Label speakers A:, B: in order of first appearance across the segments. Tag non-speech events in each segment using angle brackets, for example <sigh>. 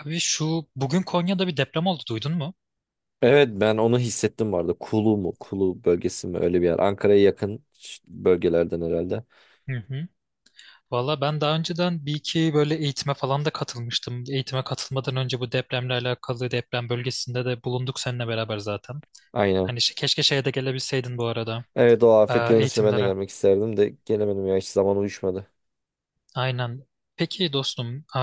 A: Abi şu bugün Konya'da bir deprem oldu duydun mu?
B: Evet ben onu hissettim vardı. Kulu mu? Kulu bölgesi mi? Öyle bir yer. Ankara'ya yakın bölgelerden herhalde.
A: Hı hı. Valla ben daha önceden bir iki böyle eğitime falan da katılmıştım. Eğitime katılmadan önce bu depremle alakalı deprem bölgesinde de bulunduk seninle beraber zaten.
B: Aynen.
A: Hani şey- keşke şeye de gelebilseydin bu arada
B: Evet, o
A: e,
B: afet görüntüsüne ben de
A: eğitimlere.
B: gelmek isterdim de gelemedim ya. Hiç zaman uyuşmadı.
A: Aynen. Peki dostum,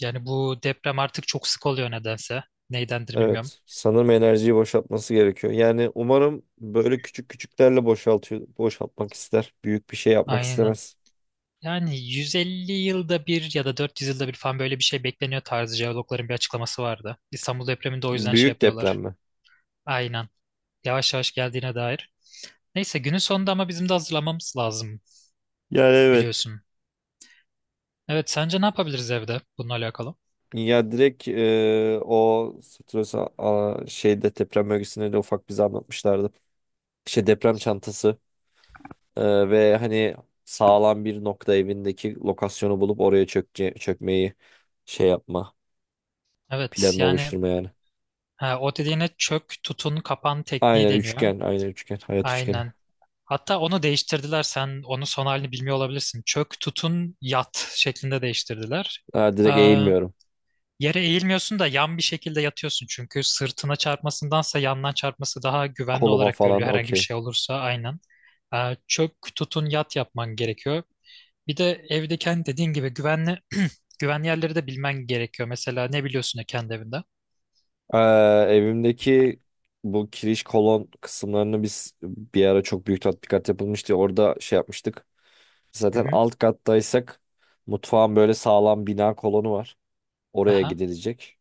A: yani bu deprem artık çok sık oluyor nedense. Neydendir bilmiyorum.
B: Evet. Sanırım enerjiyi boşaltması gerekiyor. Yani umarım böyle küçük küçüklerle boşaltıyor, boşaltmak ister. Büyük bir şey yapmak
A: Aynen.
B: istemez.
A: Yani 150 yılda bir ya da 400 yılda bir falan böyle bir şey bekleniyor tarzı jeologların bir açıklaması vardı. İstanbul depreminde o yüzden şey
B: Büyük deprem
A: yapıyorlar.
B: mi?
A: Aynen. Yavaş yavaş geldiğine dair. Neyse günün sonunda ama bizim de hazırlamamız lazım
B: Yani evet.
A: biliyorsun. Evet, sence ne yapabiliriz evde bununla alakalı?
B: Ya direkt o Stresa şeyde deprem bölgesinde de ufak bize anlatmışlardı. İşte deprem çantası. Ve hani sağlam bir nokta evindeki lokasyonu bulup oraya çökmeyi şey yapma.
A: Evet
B: Planını
A: yani
B: oluşturma yani.
A: ha, o dediğine çök tutun kapan tekniği
B: Aynen
A: deniyor.
B: üçgen. Aynen üçgen. Hayat üçgeni.
A: Aynen. Hatta onu değiştirdiler. Sen onun son halini bilmiyor olabilirsin. Çök tutun yat şeklinde değiştirdiler.
B: Ha, direkt eğilmiyorum.
A: Yere eğilmiyorsun da yan bir şekilde yatıyorsun çünkü sırtına çarpmasındansa yandan çarpması daha güvenli
B: Koluma
A: olarak
B: falan
A: görülüyor herhangi bir
B: okey.
A: şey olursa aynen. Çök tutun yat yapman gerekiyor. Bir de evde kendi dediğin gibi güvenli <clears throat> güvenli yerleri de bilmen gerekiyor. Mesela ne biliyorsun ya kendi evinde?
B: Ee, Evimdeki bu kiriş kolon kısımlarını biz bir ara çok büyük tatbikat yapılmıştı. Orada şey yapmıştık.
A: Hı
B: Zaten
A: hı.
B: alt kattaysak mutfağın böyle sağlam bina kolonu var. Oraya
A: Aha.
B: gidilecek.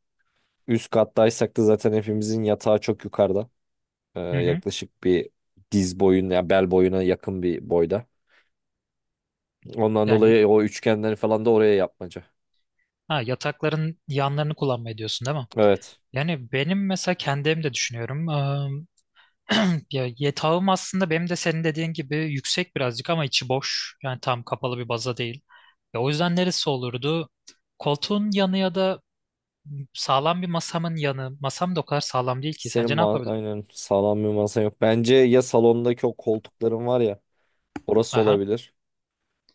B: Üst kattaysak da zaten hepimizin yatağı çok yukarıda.
A: Hı hı.
B: Yaklaşık bir diz boyuna, ya bel boyuna yakın bir boyda. Ondan
A: Yani
B: dolayı o üçgenleri falan da oraya yapmaca.
A: ha, yatakların yanlarını kullanmayı diyorsun değil mi?
B: Evet.
A: Yani benim mesela kendi evimde düşünüyorum. <clears throat> Ya yatağım aslında benim de senin dediğin gibi yüksek birazcık ama içi boş. Yani tam kapalı bir baza değil. Ya o yüzden neresi olurdu? Koltuğun yanı ya da sağlam bir masamın yanı. Masam da o kadar sağlam değil ki.
B: Senin
A: Sence ne
B: ma
A: yapabilirim?
B: aynen sağlam bir masan yok. Bence ya salondaki o koltukların var ya, orası
A: Aha,
B: olabilir.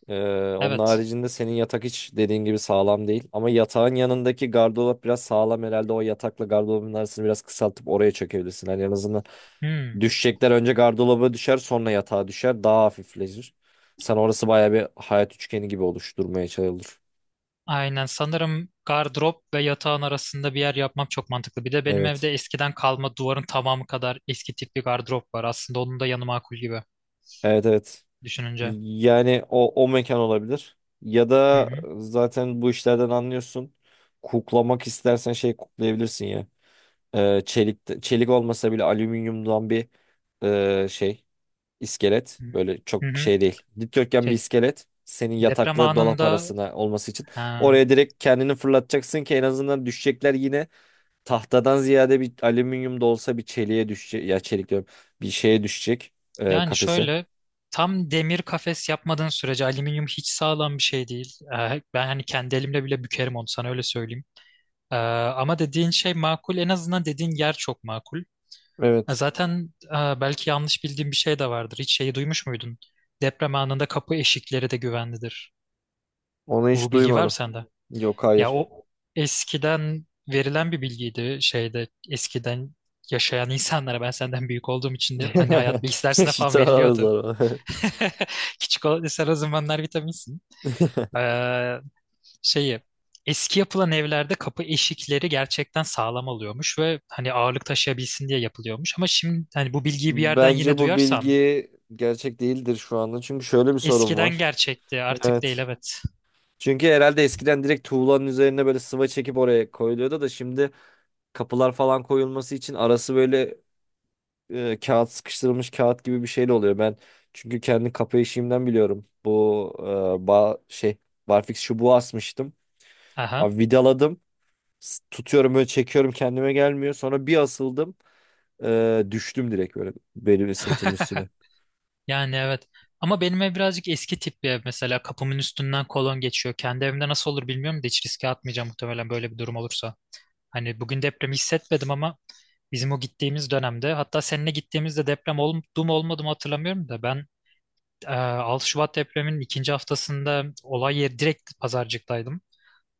B: Onun
A: evet.
B: haricinde senin yatak hiç dediğin gibi sağlam değil. Ama yatağın yanındaki gardırop biraz sağlam herhalde. O yatakla gardırobun arasını biraz kısaltıp oraya çekebilirsin. Hani en azından
A: Hmm.
B: düşecekler önce gardıroba düşer, sonra yatağa düşer, daha hafifleşir. Sen orası baya bir hayat üçgeni gibi oluşturmaya çalışılır.
A: Aynen sanırım gardırop ve yatağın arasında bir yer yapmam çok mantıklı. Bir de benim evde
B: Evet.
A: eskiden kalma duvarın tamamı kadar eski tip bir gardırop var. Aslında onun da yanı makul gibi
B: Evet, evet.
A: düşününce.
B: Yani o, o mekan olabilir. Ya
A: Hı
B: da
A: hı.
B: zaten bu işlerden anlıyorsun. Kuklamak istersen şey kuklayabilirsin ya. Çelik olmasa bile alüminyumdan bir şey. İskelet.
A: Hı hı.
B: Böyle çok
A: Hı hı.
B: şey değil. Dikdörtgen bir
A: Şey
B: iskelet. Senin
A: deprem
B: yatakla dolap
A: anında
B: arasına olması için.
A: ha.
B: Oraya direkt kendini fırlatacaksın ki en azından düşecekler yine tahtadan ziyade bir alüminyum da olsa bir çeliğe düşecek. Ya çelik diyorum. Bir şeye düşecek
A: Yani
B: kafese.
A: şöyle tam demir kafes yapmadığın sürece alüminyum hiç sağlam bir şey değil. Ben hani kendi elimle bile bükerim onu sana öyle söyleyeyim. Ee, Ama dediğin şey makul, en azından dediğin yer çok makul.
B: Evet.
A: Zaten belki yanlış bildiğim bir şey de vardır. Hiç şeyi duymuş muydun? Deprem anında kapı eşikleri de güvenlidir.
B: Onu
A: Bu
B: hiç
A: bilgi var mı
B: duymadım.
A: sende?
B: Yok,
A: Ya
B: hayır.
A: o eskiden verilen bir bilgiydi şeyde eskiden yaşayan insanlara ben senden büyük olduğum için de hani hayat
B: <laughs>
A: bilgisi dersinde falan
B: Şita
A: veriliyordu.
B: zarı.
A: <laughs> Ki çikolata sen o zamanlar vitaminsin.
B: <laughs>
A: Ee, Şeyi eski yapılan evlerde kapı eşikleri gerçekten sağlam oluyormuş ve hani ağırlık taşıyabilsin diye yapılıyormuş. Ama şimdi hani bu bilgiyi bir yerden
B: Bence
A: yine
B: bu
A: duyarsam
B: bilgi gerçek değildir şu anda. Çünkü şöyle bir sorun
A: eskiden
B: var.
A: gerçekti artık değil,
B: Evet.
A: evet.
B: Çünkü herhalde eskiden direkt tuğlanın üzerine böyle sıva çekip oraya koyuluyordu da şimdi kapılar falan koyulması için arası böyle sıkıştırılmış kağıt gibi bir şeyle oluyor. Ben çünkü kendi kapı işimden biliyorum. Bu e, ba şey barfix çubuğu asmıştım.
A: Aha.
B: Abi vidaladım. Tutuyorum, böyle çekiyorum, kendime gelmiyor. Sonra bir asıldım. Düştüm direkt böyle benim sırtımın üstüne.
A: <laughs> Yani evet. Ama benim ev birazcık eski tip bir ev, mesela kapımın üstünden kolon geçiyor. Kendi evimde nasıl olur bilmiyorum da hiç riske atmayacağım muhtemelen böyle bir durum olursa. Hani bugün depremi hissetmedim ama bizim o gittiğimiz dönemde hatta seninle gittiğimizde deprem oldu mu olmadı mı hatırlamıyorum da ben 6 Şubat depreminin ikinci haftasında olay yeri direkt Pazarcık'taydım.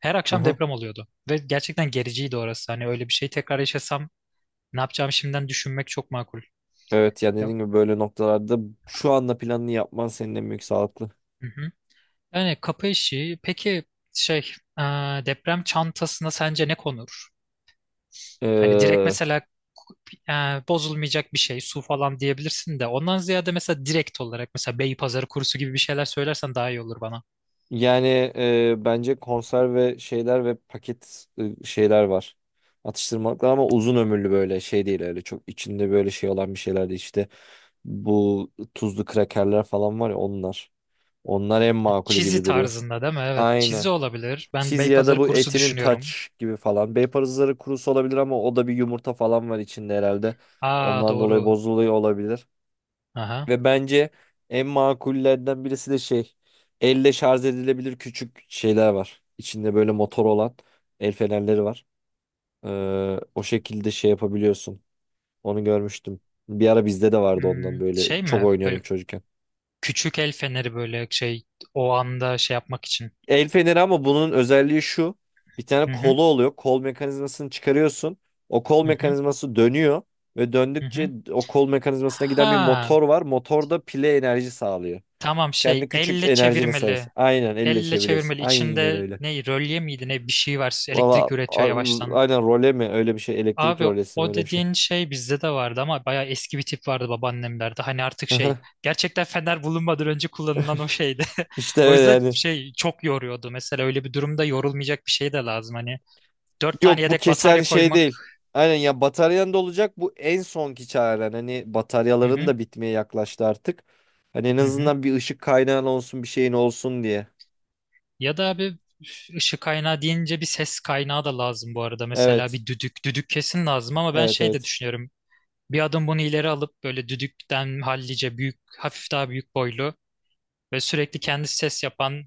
A: Her akşam
B: Aha.
A: deprem oluyordu ve gerçekten gericiydi orası. Hani öyle bir şey tekrar yaşasam ne yapacağımı şimdiden düşünmek çok makul.
B: Evet yani
A: Ya,
B: dediğim gibi böyle noktalarda şu anda planını yapman senin en büyük sağlıklı.
A: hı hı. Yani kapı işi peki şey e, deprem çantasına sence ne konur? Hani direkt
B: E,
A: mesela e, bozulmayacak bir şey su falan diyebilirsin de ondan ziyade mesela direkt olarak mesela Beypazarı kurusu gibi bir şeyler söylersen daha iyi olur bana.
B: Yani bence konserve şeyler ve paket şeyler var. Atıştırmalıklar ama uzun ömürlü, böyle şey değil, öyle çok içinde böyle şey olan bir şeyler değil, işte bu tuzlu krakerler falan var ya, onlar. Onlar en makulü
A: Çizi
B: gibi duruyor.
A: tarzında değil mi? Evet,
B: Aynen.
A: çizi olabilir. Ben
B: Cheese ya da
A: Beypazarı
B: bu
A: kurusu
B: etinin
A: düşünüyorum.
B: taç gibi falan. Bey parızları kurusu olabilir ama o da bir yumurta falan var içinde herhalde.
A: Aa
B: Ondan dolayı
A: doğru.
B: bozuluyor olabilir.
A: Aha.
B: Ve bence en makullerden birisi de şey, elle şarj edilebilir küçük şeyler var. İçinde böyle motor olan el fenerleri var. O şekilde şey yapabiliyorsun. Onu görmüştüm. Bir ara bizde de vardı, ondan
A: Hmm,
B: böyle
A: şey
B: çok
A: mi? Böyle
B: oynuyordum çocukken.
A: küçük el feneri böyle şey o anda şey yapmak için.
B: El feneri, ama bunun özelliği şu. Bir
A: Hı
B: tane
A: hı.
B: kolu oluyor. Kol mekanizmasını çıkarıyorsun. O kol
A: Hı hı.
B: mekanizması dönüyor ve
A: Hı
B: döndükçe
A: hı.
B: o kol mekanizmasına giden bir
A: Ha,
B: motor var. Motor da pile enerji sağlıyor.
A: tamam, şey
B: Kendi küçük
A: elle
B: enerjini sarıyorsun.
A: çevirmeli.
B: Aynen elle
A: Elle
B: çeviriyorsun.
A: çevirmeli.
B: Aynen
A: İçinde
B: öyle.
A: ne rölye miydi ne bir şey var.
B: Valla
A: Elektrik üretiyor
B: a-
A: yavaştan.
B: aynen, role mi öyle bir şey, elektrik
A: Abi
B: rolesi mi
A: o
B: öyle bir şey.
A: dediğin şey bizde de vardı ama bayağı eski bir tip vardı babaannemlerde. Hani artık şey
B: <laughs>
A: gerçekten fener bulunmadan önce kullanılan o şeydi.
B: İşte
A: <laughs> O
B: öyle
A: yüzden
B: yani.
A: şey çok yoruyordu. Mesela öyle bir durumda yorulmayacak bir şey de lazım. Hani dört tane
B: Yok, bu
A: yedek
B: kesen
A: batarya
B: şey
A: koymak.
B: değil. Aynen, ya bataryan da olacak, bu en sonki çaren. Hani
A: Hı
B: bataryaların
A: hı,
B: da bitmeye yaklaştı artık. Hani en
A: hı hı.
B: azından bir ışık kaynağın olsun, bir şeyin olsun diye.
A: Ya da abi üf, ışık kaynağı deyince bir ses kaynağı da lazım bu arada. Mesela
B: Evet.
A: bir düdük. Düdük kesin lazım ama ben
B: Evet,
A: şey de
B: evet.
A: düşünüyorum. Bir adım bunu ileri alıp böyle düdükten hallice büyük, hafif daha büyük boylu ve sürekli kendi ses yapan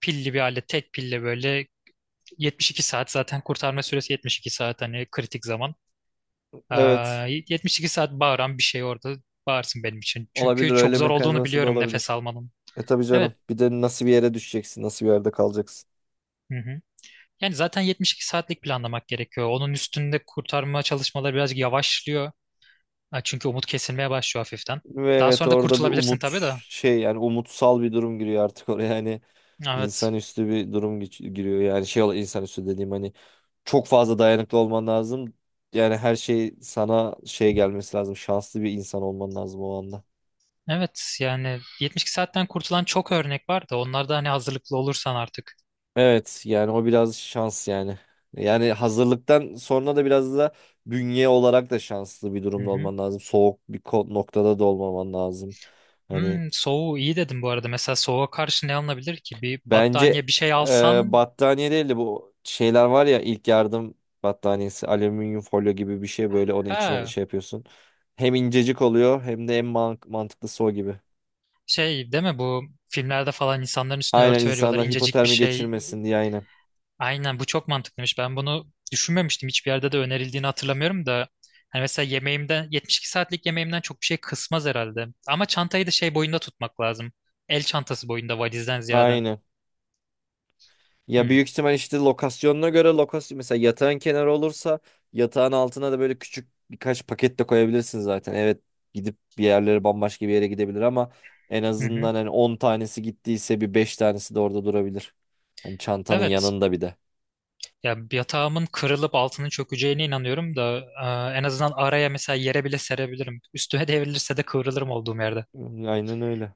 A: pilli bir alet, tek pille böyle 72 saat, zaten kurtarma süresi 72 saat hani kritik zaman. Ee,
B: Evet.
A: 72 saat bağıran bir şey orada bağırsın benim için. Çünkü
B: Olabilir,
A: çok
B: öyle
A: zor olduğunu
B: mekanizması da
A: biliyorum nefes
B: olabilir.
A: almanın.
B: E tabii
A: Evet.
B: canım. Bir de nasıl bir yere düşeceksin, nasıl bir yerde kalacaksın.
A: Hı hı. Yani zaten 72 saatlik planlamak gerekiyor. Onun üstünde kurtarma çalışmaları birazcık yavaşlıyor. Ha, çünkü umut kesilmeye başlıyor hafiften.
B: Ve
A: Daha
B: evet,
A: sonra da
B: orada bir
A: kurtulabilirsin
B: umut
A: tabii de.
B: şey yani, umutsal bir durum giriyor artık oraya yani,
A: Evet.
B: insanüstü bir durum giriyor yani, insanüstü dediğim hani çok fazla dayanıklı olman lazım, yani her şey sana şey gelmesi lazım, şanslı bir insan olman lazım o anda.
A: Evet yani 72 saatten kurtulan çok örnek var da onlar da hani hazırlıklı olursan artık.
B: Evet yani o biraz şans yani, yani hazırlıktan sonra da biraz da bünye olarak da şanslı bir
A: Hı
B: durumda
A: hı.
B: olman lazım, soğuk bir noktada da olmaman lazım hani.
A: Hmm, soğuğu iyi dedim bu arada. Mesela soğuğa karşı ne alınabilir ki? Bir
B: Bence
A: battaniye bir şey alsan
B: battaniye değil de bu şeyler var ya, ilk yardım battaniyesi, alüminyum folyo gibi bir şey, böyle onun içine
A: ha
B: şey yapıyorsun. Hem incecik oluyor hem de en mantıklısı o gibi.
A: şey değil mi bu filmlerde falan insanların üstüne
B: Aynen,
A: örtü veriyorlar
B: insanlar
A: incecik bir
B: hipotermi
A: şey.
B: geçirmesin diye, aynen.
A: Aynen bu çok mantıklıymış. Ben bunu düşünmemiştim. Hiçbir yerde de önerildiğini hatırlamıyorum da. Hani mesela yemeğimden 72 saatlik yemeğimden çok bir şey kısmaz herhalde. Ama çantayı da şey boyunda tutmak lazım. El çantası boyunda valizden ziyade.
B: Aynen. Ya
A: Hı
B: büyük ihtimal işte lokasyonuna göre lokasyon, mesela yatağın kenarı olursa yatağın altına da böyle küçük birkaç paket de koyabilirsin zaten. Evet, gidip bir yerlere bambaşka bir yere gidebilir ama en
A: hı. Hı.
B: azından hani 10 tanesi gittiyse bir 5 tanesi de orada durabilir. Hani çantanın
A: Evet.
B: yanında bir de.
A: Ya bir yatağımın kırılıp altının çökeceğine inanıyorum da en azından araya mesela yere bile serebilirim. Üstüme devrilirse de kıvrılırım olduğum yerde.
B: Aynen öyle.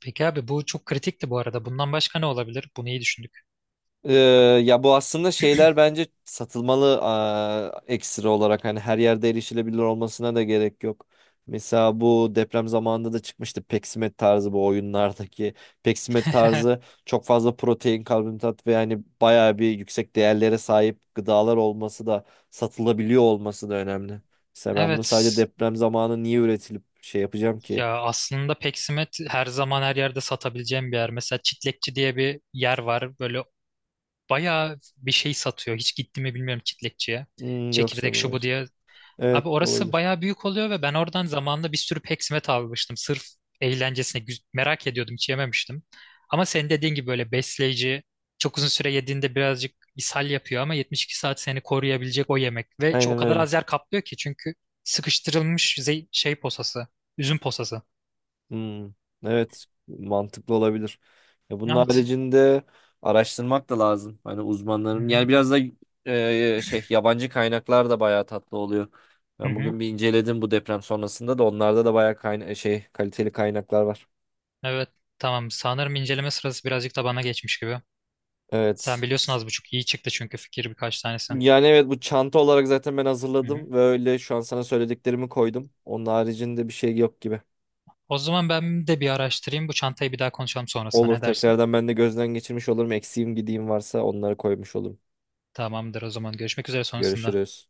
A: Peki abi bu çok kritikti bu arada. Bundan başka ne olabilir? Bunu iyi düşündük.
B: Ee, Ya bu aslında şeyler bence satılmalı, ekstra olarak, hani her yerde erişilebilir olmasına da gerek yok. Mesela bu deprem zamanında da çıkmıştı peksimet tarzı, bu oyunlardaki peksimet tarzı,
A: <laughs>
B: çok fazla protein, karbonhidrat ve yani bayağı bir yüksek değerlere sahip gıdalar olması da, satılabiliyor olması da önemli. Mesela ben bunu sadece
A: Evet.
B: deprem zamanı niye üretilip şey yapacağım ki?
A: Ya aslında peksimet her zaman her yerde satabileceğim bir yer. Mesela Çitlekçi diye bir yer var. Böyle bayağı bir şey satıyor. Hiç gitti mi bilmiyorum Çitlekçiye.
B: Hmm, yok
A: Çekirdek
B: sanırım
A: şu bu
B: hayır.
A: diye
B: Evet,
A: abi orası
B: olabilir.
A: bayağı büyük oluyor ve ben oradan zamanında bir sürü peksimet almıştım. Sırf eğlencesine güz- merak ediyordum hiç yememiştim. Ama senin dediğin gibi böyle besleyici çok uzun süre yediğinde birazcık ishal yapıyor ama 72 saat seni koruyabilecek o yemek. Ve ç- o
B: Aynen
A: kadar
B: öyle.
A: az yer kaplıyor ki çünkü sıkıştırılmış ze- şey posası, üzüm posası.
B: Hmm, evet, mantıklı olabilir. Ya bunun
A: Evet.
B: haricinde araştırmak da lazım. Hani
A: Hı
B: uzmanların
A: hı.
B: yani biraz da şey, yabancı kaynaklar da bayağı tatlı oluyor.
A: Hı
B: Ben
A: hı.
B: bugün bir inceledim bu deprem sonrasında da, onlarda da bayağı kayna şey kaliteli kaynaklar var.
A: Evet. Tamam. Sanırım inceleme sırası birazcık da bana geçmiş gibi. Sen
B: Evet.
A: biliyorsun az buçuk iyi çıktı çünkü fikir birkaç tanesi.
B: Yani evet, bu çanta olarak zaten ben
A: Hı hı.
B: hazırladım ve öyle şu an sana söylediklerimi koydum. Onun haricinde bir şey yok gibi.
A: O zaman ben de bir araştırayım. Bu çantayı bir daha konuşalım sonrasında.
B: Olur,
A: Ne dersin?
B: tekrardan ben de gözden geçirmiş olurum. Eksiğim gideyim varsa onları koymuş olurum.
A: Tamamdır o zaman. Görüşmek üzere sonrasında.
B: Görüşürüz.